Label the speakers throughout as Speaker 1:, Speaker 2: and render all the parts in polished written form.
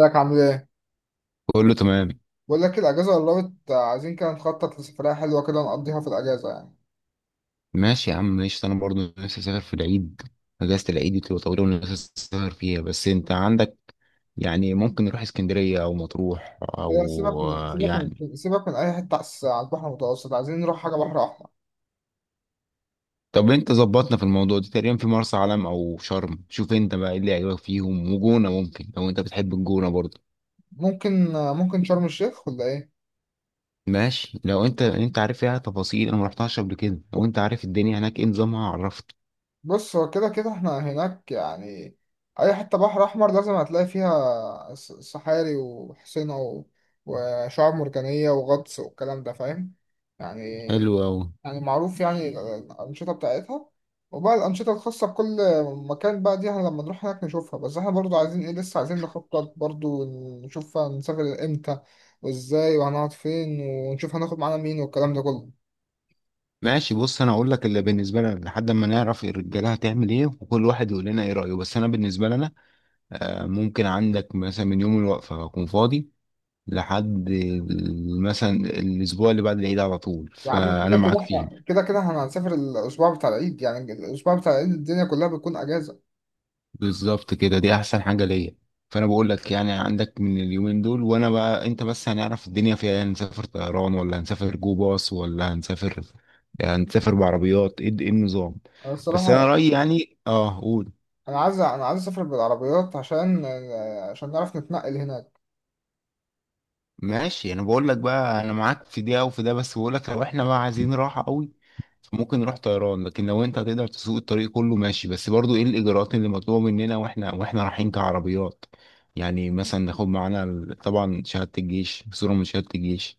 Speaker 1: ازيك عامل ايه؟
Speaker 2: كله تمام.
Speaker 1: بقول لك الاجازه قربت، عايزين كده نخطط لسفريه حلوه كده نقضيها في الاجازه يعني.
Speaker 2: ماشي يا عم، ماشي، انا برضو نفسي اسافر في العيد. اجازة العيد دي بتبقى طويلة ونفسي اسافر فيها، بس انت عندك. يعني ممكن نروح اسكندرية او مطروح
Speaker 1: لا،
Speaker 2: او.
Speaker 1: سيبك من سيبك
Speaker 2: يعني
Speaker 1: من سيبك من اي حته على على البحر المتوسط، عايزين نروح حاجه بحر احمر.
Speaker 2: طب انت ظبطنا في الموضوع دي تقريبا في مرسى علم او شرم. شوف انت بقى ايه اللي عجبك فيهم، وجونة ممكن لو انت بتحب الجونة برضو.
Speaker 1: ممكن شرم الشيخ ولا ايه؟
Speaker 2: ماشي، لو انت عارف فيها تفاصيل. انا ما رحتهاش قبل كده، لو انت عارف الدنيا هناك ايه نظامها، عرفت.
Speaker 1: بص هو كده كده احنا هناك يعني. اي حته بحر احمر لازم هتلاقي فيها صحاري وحصينه وشعاب مرجانيه وغطس والكلام ده، فاهم؟ يعني
Speaker 2: حلو اوي.
Speaker 1: يعني معروف، يعني الأنشطة بتاعتها. وبقى الأنشطة الخاصة بكل مكان بقى دي احنا لما نروح هناك نشوفها، بس احنا برضو عايزين ايه، لسه عايزين نخطط برضو. نشوف هنسافر امتى وازاي، وهنقعد فين، ونشوف هناخد معانا مين والكلام ده كله.
Speaker 2: ماشي، بص انا اقول لك اللي بالنسبه لنا لحد ما نعرف الرجاله هتعمل ايه، وكل واحد يقول لنا ايه رايه، بس انا بالنسبه لنا. آه، ممكن عندك مثلا من يوم الوقفه هكون فاضي لحد مثلا الاسبوع اللي بعد العيد على طول،
Speaker 1: يا عم
Speaker 2: فانا
Speaker 1: كده كده
Speaker 2: معاك فيه.
Speaker 1: احنا كده كده احنا هنسافر الأسبوع بتاع العيد، يعني الأسبوع بتاع العيد الدنيا كلها بتكون أجازة.
Speaker 2: بالظبط كده، دي احسن حاجه ليا. فانا بقول لك يعني عندك من اليومين دول وانا بقى انت بس هنعرف الدنيا فيها إيه، هنسافر طيران ولا هنسافر جو باص، ولا هنسافر؟ يعني هنسافر بعربيات ايه، إيه النظام؟
Speaker 1: أنا
Speaker 2: بس انا
Speaker 1: الصراحة
Speaker 2: رايي يعني، قول.
Speaker 1: أنا عايز أسافر بالعربيات عشان نعرف نتنقل هنا.
Speaker 2: ماشي، انا بقول لك بقى، انا معاك في دي او في ده، بس بقول لك لو احنا بقى عايزين راحه قوي. فممكن نروح طيران، لكن لو انت هتقدر تسوق الطريق كله ماشي، بس برضو ايه الاجراءات اللي مطلوبه مننا واحنا رايحين كعربيات؟ يعني مثلا ناخد معانا طبعا شهاده الجيش، صوره من شهاده الجيش.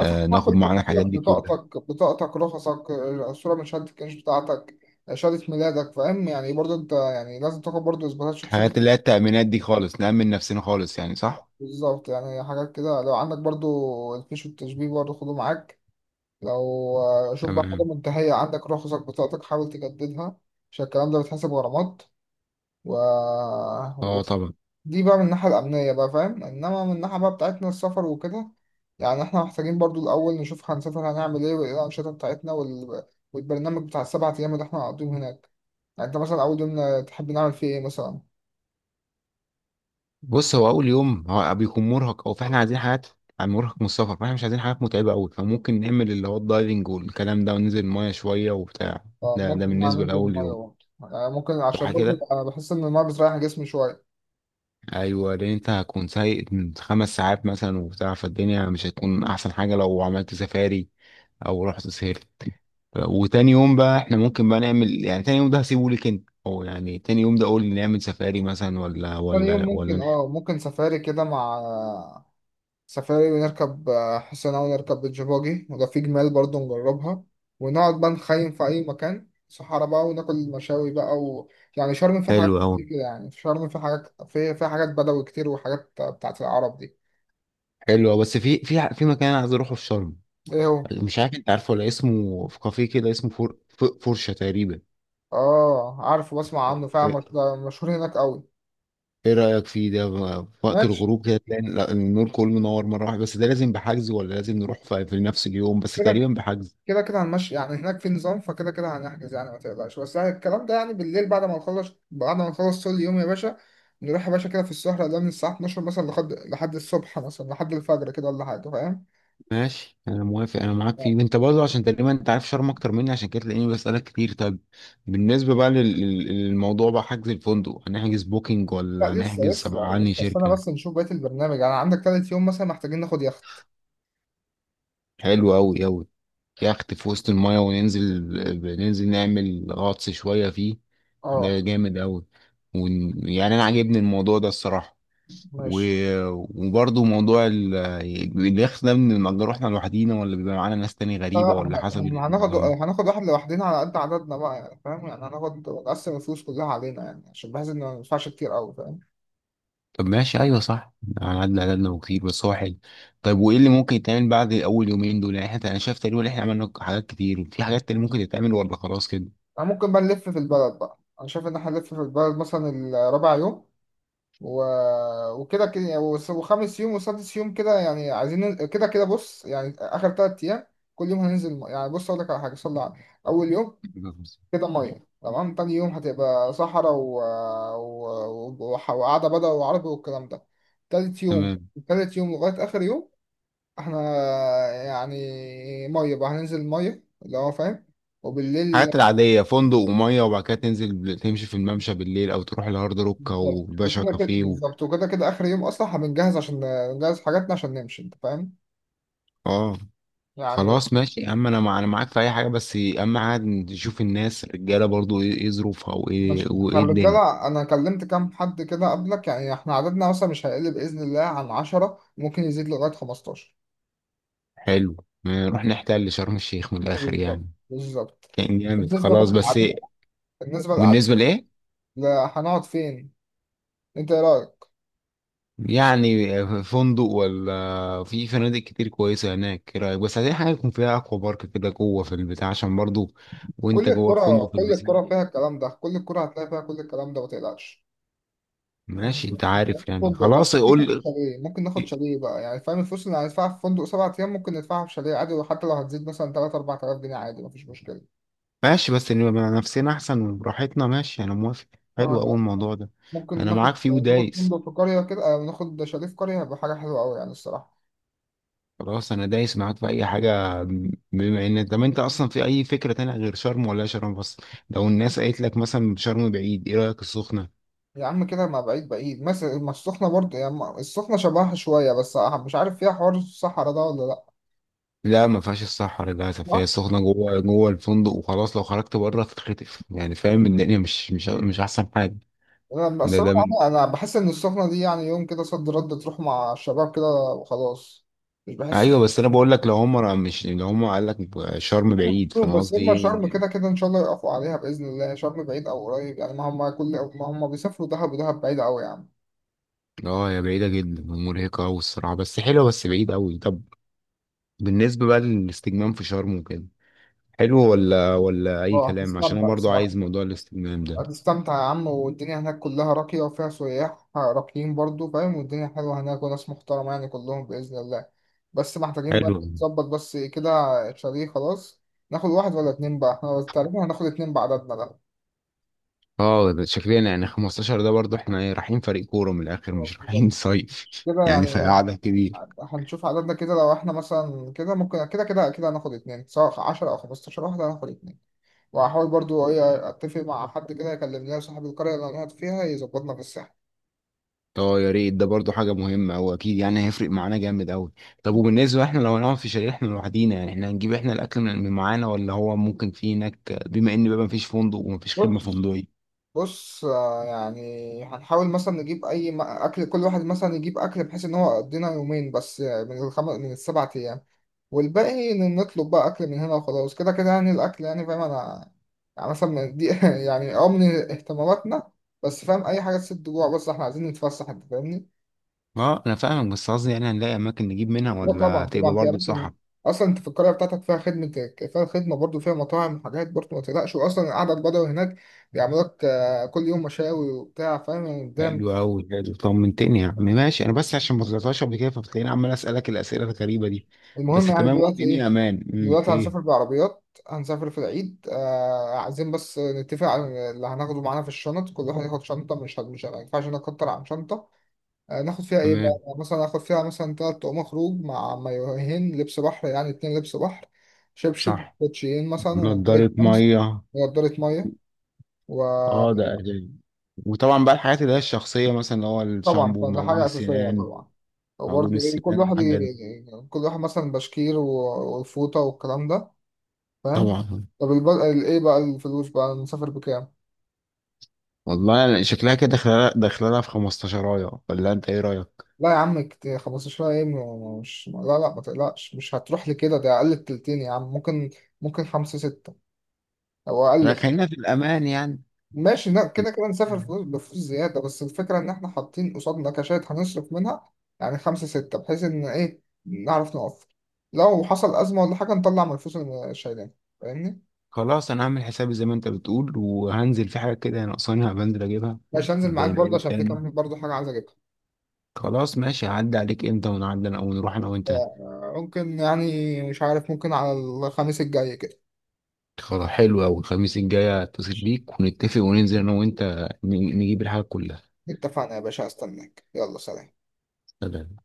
Speaker 1: هتاخد معاك
Speaker 2: ناخد
Speaker 1: كل
Speaker 2: معانا الحاجات
Speaker 1: تفاصيلك،
Speaker 2: دي كلها.
Speaker 1: بطاقتك رخصك، الصورة من شهادة الكاش بتاعتك، شهادة ميلادك، فاهم يعني؟ برضو انت يعني لازم تاخد برضو اثباتات شخصية.
Speaker 2: الحاجات اللي هي التأمينات دي خالص، نأمن نفسنا خالص، يعني صح؟
Speaker 1: بالظبط، يعني حاجات كده، لو عندك برضو الفيش والتشبيه برضو خده معاك. لو شوف بقى، حاجة
Speaker 2: تمام.
Speaker 1: منتهية عندك رخصك بطاقتك حاول تجددها، عشان الكلام ده بيتحسب غرامات و...
Speaker 2: اه طبعا.
Speaker 1: دي بقى من الناحية الأمنية بقى، فاهم؟ إنما من الناحية بقى بتاعتنا السفر وكده، يعني إحنا محتاجين برضو الأول نشوف هنسافر هنعمل إيه وإيه الأنشطة بتاعتنا والبرنامج بتاع 7 أيام اللي إحنا هنقضيهم هناك. يعني أنت مثلا أول يوم تحب نعمل فيه إيه مثلا؟
Speaker 2: بص، هو اول يوم هو بيكون مرهق، او فاحنا عايزين حاجات. مرهق من السفر، فاحنا مش عايزين حاجات متعبه قوي، فممكن نعمل اللي هو الدايفنج والكلام ده وننزل المايه شويه وبتاع. ده
Speaker 1: فممكن بقى
Speaker 2: بالنسبه
Speaker 1: ننزل
Speaker 2: لاول
Speaker 1: المية
Speaker 2: يوم.
Speaker 1: برضه، يعني ممكن
Speaker 2: صح
Speaker 1: عشان برضه
Speaker 2: كده.
Speaker 1: أنا بحس إن المية بتريح جسمي شوية.
Speaker 2: ايوه، لان انت هتكون سايق من 5 ساعات مثلا وبتاع، فالدنيا مش هتكون احسن حاجه لو عملت سفاري. او رحت سهرت. وتاني يوم بقى احنا ممكن بقى نعمل، يعني تاني يوم ده هسيبه لك انت، او يعني تاني يوم ده قول نعمل سفاري مثلا ولا
Speaker 1: تاني يوم
Speaker 2: ولا ولا
Speaker 1: ممكن، آه ممكن سفاري كده مع سفاري، ونركب حصانة، ونركب بيتش، وده في جمال برضه نجربها، ونقعد بقى نخيم في أي مكان صحارى بقى، وناكل مشاوي بقى. يعني شرم في
Speaker 2: حلو
Speaker 1: حاجات
Speaker 2: قوي.
Speaker 1: كتير كده، يعني في شرم في حاجات في حاجات بدوي كتير، وحاجات بتاعت العرب دي.
Speaker 2: حلو أوي. بس في مكان عايز اروحه في شرم.
Speaker 1: إيه هو؟
Speaker 2: مش عارف انت عارفه، ولا اسمه في كافيه كده اسمه فور فرشة تقريبا.
Speaker 1: آه عارف وبسمع عنه فعلا،
Speaker 2: ايه.
Speaker 1: ده مشهور هناك أوي.
Speaker 2: إيه رأيك فيه ده بقى؟ في وقت
Speaker 1: ماشي،
Speaker 2: الغروب كده تلاقي النور كله منور مرة واحدة. بس ده لازم بحجز، ولا لازم نروح في نفس اليوم؟ بس
Speaker 1: كده
Speaker 2: تقريبا بحجز.
Speaker 1: كده كده هنمشي يعني، هناك في نظام، فكده كده هنحجز يعني، ما تقلقش بس، يعني الكلام ده يعني بالليل بعد ما نخلص طول اليوم يا باشا، نروح يا باشا كده في السهرة ده، من الساعة 12 مثلا لحد الصبح مثلا، لحد الفجر كده، ولا حاجة، فاهم؟
Speaker 2: ماشي انا موافق، انا معاك فيه. انت برضه عشان تقريبا انت عارف شرم اكتر مني، عشان كده تلاقيني بسألك كتير. طيب، بالنسبة بقى للموضوع، بقى حجز الفندق هنحجز بوكينج
Speaker 1: لا
Speaker 2: ولا
Speaker 1: لسه
Speaker 2: هنحجز
Speaker 1: لسه
Speaker 2: تبع عني
Speaker 1: لسه استنى
Speaker 2: شركة؟
Speaker 1: بس نشوف بقية البرنامج. يعني عندك تالت يوم مثلا، محتاجين ناخد يخت.
Speaker 2: حلو أوي أوي. يخت في وسط المايه وننزل. ننزل نعمل غطس شوية فيه.
Speaker 1: اه
Speaker 2: ده جامد أوي. يعني أنا عاجبني الموضوع ده الصراحة. و...
Speaker 1: ماشي.
Speaker 2: وبرضه موضوع اليخت ده بنأجره احنا لوحدينا، ولا بيبقى معانا ناس تاني
Speaker 1: لا
Speaker 2: غريبة،
Speaker 1: لا،
Speaker 2: ولا
Speaker 1: احنا
Speaker 2: حسب
Speaker 1: إحنا هناخد
Speaker 2: النظام؟
Speaker 1: هناخد واحد لوحدنا على قد عددنا بقى، يعني فاهم يعني هناخد نقسم الفلوس كلها علينا، يعني عشان بحيث ان ما ندفعش كتير قوي.
Speaker 2: طب ماشي، أيوه صح. أنا عدى عددنا وكتير، بس هو حلو. طيب، وإيه اللي ممكن يتعمل بعد أول يومين دول؟ يعني احنا، أنا شايف تقريبا إن إحنا عملنا حاجات كتير. في حاجات تاني ممكن تتعمل، ولا خلاص كده؟
Speaker 1: أنا ممكن بقى نلف في البلد بقى، أنا شايف إن إحنا نلف في البلد مثلا الرابع يوم و... وكده كده يعني، وخامس يوم وسادس يوم كده، يعني عايزين كده كده بص يعني آخر تلات أيام كل يوم هننزل يعني بص أقول لك على حاجة. صلى على. أول يوم
Speaker 2: بالظبط.
Speaker 1: كده مية تمام. تاني يوم هتبقى صحراء وقعدة بدوي وعربي والكلام ده. تالت يوم.
Speaker 2: تمام.
Speaker 1: لغاية آخر يوم إحنا يعني مية بقى هننزل، مية اللي هو، فاهم؟ وبالليل.
Speaker 2: الحاجات العادية فندق ومية، وبعد كده تنزل تمشي في الممشى بالليل، أو تروح الهارد روك أو
Speaker 1: بالظبط
Speaker 2: باشا
Speaker 1: وكده كده،
Speaker 2: كافيه
Speaker 1: اخر يوم اصلا هنجهز، عشان نجهز حاجاتنا عشان نمشي، انت فاهم
Speaker 2: آه.
Speaker 1: يعني.
Speaker 2: خلاص ماشي يا عم، أنا معاك في أي حاجة. بس أهم حاجة نشوف الناس الرجالة برضو إيه ظروفها، وإيه
Speaker 1: مش احنا
Speaker 2: وإيه الدنيا.
Speaker 1: الرجاله، انا كلمت كام حد كده قبلك، يعني احنا عددنا مثلا مش هيقل باذن الله عن 10، ممكن يزيد لغايه 15.
Speaker 2: حلو. نروح نحتل شرم الشيخ من الآخر
Speaker 1: بالظبط
Speaker 2: يعني.
Speaker 1: بالظبط.
Speaker 2: كان جامد
Speaker 1: بالنسبه بقى
Speaker 2: خلاص، بس إيه؟
Speaker 1: للعدد. بالنسبه للعدد
Speaker 2: بالنسبة لإيه؟
Speaker 1: لا، هنقعد فين؟ انت ايه رايك؟
Speaker 2: يعني فندق، ولا في فنادق كتير كويسة هناك؟ إيه رأيك؟ بس عايزين حاجة يكون فيها أكوا بارك كده جوه في البتاع، عشان برضو. وانت
Speaker 1: كل
Speaker 2: جوه
Speaker 1: الكره
Speaker 2: الفندق في
Speaker 1: كل الكره
Speaker 2: البسين.
Speaker 1: فيها الكلام ده، كل الكره هتلاقي فيها كل الكلام ده، ما تقلقش.
Speaker 2: ماشي، انت عارف يعني،
Speaker 1: فندق بقى
Speaker 2: خلاص
Speaker 1: ممكن ناخد
Speaker 2: قول.
Speaker 1: شاليه، بقى يعني فاهم، الفلوس اللي هندفعها في فندق 7 أيام ممكن ندفعها في شاليه عادي، وحتى لو هتزيد مثلا تلات أربع تلاف جنيه عادي، مفيش مشكلة.
Speaker 2: ماشي، بس نبقى مع نفسنا احسن وبراحتنا، ماشي انا موافق. حلو، اول
Speaker 1: اه
Speaker 2: الموضوع ده.
Speaker 1: ممكن
Speaker 2: انا
Speaker 1: ناخد.
Speaker 2: معاك فيه
Speaker 1: ناخد
Speaker 2: ودايس.
Speaker 1: فندق في قرية كده، أو ناخد شاليه في قرية، هيبقى حاجة حلوة أوي يعني الصراحة.
Speaker 2: خلاص انا دايس معاك في اي حاجه. بما ان، طب انت اصلا في اي فكره تانية غير شرم، ولا شرم بس؟ لو الناس قالت لك مثلا شرم بعيد، ايه رايك السخنه؟
Speaker 1: يا عم كده، ما بعيد بعيد مثلا، ما السخنة برضه، يعني السخنة شبهها شوية بس، مش عارف فيها حوار الصحراء ده ولا لأ.
Speaker 2: لا، ما فيهاش الصحراء للاسف. هي
Speaker 1: صح؟
Speaker 2: السخنه جوه جوه الفندق وخلاص. لو خرجت بره تتخطف، يعني فاهم؟ الدنيا مش احسن حاجه.
Speaker 1: أنا
Speaker 2: ده
Speaker 1: الصراحة
Speaker 2: ده
Speaker 1: أنا بحس إن السخنة دي يعني يوم كده صد رد تروح مع الشباب كده وخلاص. مش بحس.
Speaker 2: ايوه، بس انا بقول لك لو هم مش لو هم قال لك شرم بعيد،
Speaker 1: شوف
Speaker 2: فانا
Speaker 1: بس،
Speaker 2: قصدي
Speaker 1: هما شرم
Speaker 2: ايه
Speaker 1: كده كده ان شاء الله يقفوا عليها باذن الله، شرم بعيد او قريب يعني، ما هم كل ما هم بيسافروا دهب، ودهب بعيده قوي يا عم.
Speaker 2: اه، هي بعيده جدا ومرهقه قوي الصراحه، بس حلوه، بس بعيد قوي. طب، بالنسبه بقى للاستجمام في شرم وكده، حلو ولا اي
Speaker 1: اه
Speaker 2: كلام؟ عشان انا
Speaker 1: هتستمتع
Speaker 2: برضو
Speaker 1: بصراحه.
Speaker 2: عايز موضوع الاستجمام ده.
Speaker 1: هتستمتع يا عم، والدنيا هناك كلها راقيه، وفيها سياح راقيين برضو، فاهم؟ والدنيا حلوه هناك، وناس محترمه يعني كلهم باذن الله. بس محتاجين
Speaker 2: حلو.
Speaker 1: بقى نظبط بس كده. شاليه خلاص، ناخد واحد ولا اتنين بقى؟ احنا تقريبا هناخد اتنين بعددنا ده.
Speaker 2: اه، ده شكلنا يعني 15، ده برضو احنا إيه، رايحين فريق كوره من الاخر
Speaker 1: آه،
Speaker 2: مش
Speaker 1: بالظبط.
Speaker 2: رايحين صيف
Speaker 1: كده
Speaker 2: يعني،
Speaker 1: يعني.
Speaker 2: فقعده كده.
Speaker 1: هنشوف عددنا كده، لو احنا مثلا كده ممكن كده كده كده هناخد اتنين، سواء 10 او 15 واحد هناخد اتنين. وهحاول برضو ايه اتفق مع حد كده، يكلم لنا صاحب القرية اللي انا قاعد فيها يظبطنا في الساحة.
Speaker 2: اه يا ريت، ده برضو حاجة مهمة. هو أكيد يعني هيفرق معانا جامد أوي. طب، وبالنسبة احنا لو هنقعد في شاليه احنا لوحدينا، يعني احنا هنجيب احنا الأكل من معانا، ولا هو ممكن في هناك، بما إن بقى مفيش فندق ومفيش خدمة
Speaker 1: بص.
Speaker 2: فندقية؟
Speaker 1: آه، يعني هنحاول مثلا نجيب اي اكل، كل واحد مثلا يجيب اكل، بحيث ان هو يقضينا يومين بس، آه، من 7 ايام، والباقي نطلب بقى اكل من هنا وخلاص. كده كده يعني الاكل، يعني فاهم انا، يعني مثلا من دي يعني من اهتماماتنا، بس فاهم اي حاجة تسد جوع، بس احنا عايزين نتفسح، انت فاهمني؟
Speaker 2: اه، أنا فاهمك، بس قصدي يعني هنلاقي أماكن نجيب منها،
Speaker 1: اه طبعا
Speaker 2: ولا تبقى
Speaker 1: طبعا، في
Speaker 2: برضو
Speaker 1: اماكن،
Speaker 2: صح؟
Speaker 1: اصلا انت في القريه بتاعتك فيها خدمه، فيها خدمه برضو، فيها مطاعم وحاجات برضو، ما تقلقش. واصلا القعده البدوي هناك بيعملوا لك كل يوم مشاوي وبتاع، فاهم يعني؟ قدام.
Speaker 2: حلو أوي، حلو، طمنتني يا عم. ماشي، أنا بس عشان ما طلعتهاش قبل كده فبتلاقيني عمال أسألك الأسئلة الغريبة دي. بس
Speaker 1: المهم يعني
Speaker 2: تمام،
Speaker 1: دلوقتي
Speaker 2: والدنيا
Speaker 1: ايه؟
Speaker 2: أمان،
Speaker 1: دلوقتي
Speaker 2: إيه.
Speaker 1: هنسافر بالعربيات، هنسافر في العيد، آه عايزين بس نتفق على اللي هناخده معانا في الشنط. كل واحد ياخد شنطه، مش مش ما ينفعش نكتر عن شنطه. آه، ناخد فيها ايه بقى؟
Speaker 2: تمام.
Speaker 1: يعني مثلا ناخد فيها مثلا تلات طقم خروج مع مايوهين لبس بحر، يعني اتنين لبس بحر، شبشب
Speaker 2: صح.
Speaker 1: كوتشيين مثلا، ونضارة
Speaker 2: نضارة
Speaker 1: شمس،
Speaker 2: مية.
Speaker 1: ونضارة مية،
Speaker 2: اه،
Speaker 1: وطبعا
Speaker 2: ده أساسي. وطبعا بقى الحاجات اللي هي الشخصية، مثلا اللي هو الشامبو،
Speaker 1: ده
Speaker 2: معجون
Speaker 1: حاجة أساسية
Speaker 2: السنان.
Speaker 1: طبعا.
Speaker 2: معجون
Speaker 1: وبرضه إيه، كل
Speaker 2: السنان،
Speaker 1: واحد
Speaker 2: حاجات دي.
Speaker 1: كل واحد مثلا بشكير والفوطة والكلام ده، فاهم؟
Speaker 2: طبعا.
Speaker 1: طب ايه بقى الفلوس بقى نسافر بكام؟
Speaker 2: والله أنا شكلها كده داخلة داخلة في 15. ولا انت ايه رأيك؟
Speaker 1: لا يا عم، 15 ايه مش، لا لا ما تقلقش، مش هتروح لي كده، ده اقل التلتين يا عم. ممكن خمسة ستة او
Speaker 2: لا،
Speaker 1: اقل.
Speaker 2: خلينا في الأمان يعني.
Speaker 1: ماشي، لا
Speaker 2: في
Speaker 1: كده كده نسافر
Speaker 2: الأمان.
Speaker 1: فلوس بفلوس زيادة، بس الفكرة إن إحنا حاطين قصادنا كاشات هنصرف منها، يعني خمسة ستة، بحيث إن إيه نعرف نوفر، لو حصل أزمة ولا حاجة نطلع من الفلوس اللي شايلينها، فاهمني؟
Speaker 2: خلاص انا هعمل حسابي زي ما انت بتقول، وهنزل في حاجة كده ناقصاني هبنزل اجيبها.
Speaker 1: ماشي، هنزل معاك
Speaker 2: زي ما
Speaker 1: برضه،
Speaker 2: قلت
Speaker 1: عشان في
Speaker 2: تاني.
Speaker 1: كمان برضه حاجة عايز أجيبها.
Speaker 2: خلاص ماشي، هعدي عليك امتى ونعدي انا ونروح انا وانت.
Speaker 1: آه، ممكن يعني مش عارف، ممكن على الخميس الجاي كده.
Speaker 2: خلاص حلو اوي، الخميس الجاي هتصل بيك ونتفق وننزل انا وانت. نجيب الحاجة كلها.
Speaker 1: اتفقنا يا باشا، هستناك، يلا سلام.
Speaker 2: سلام.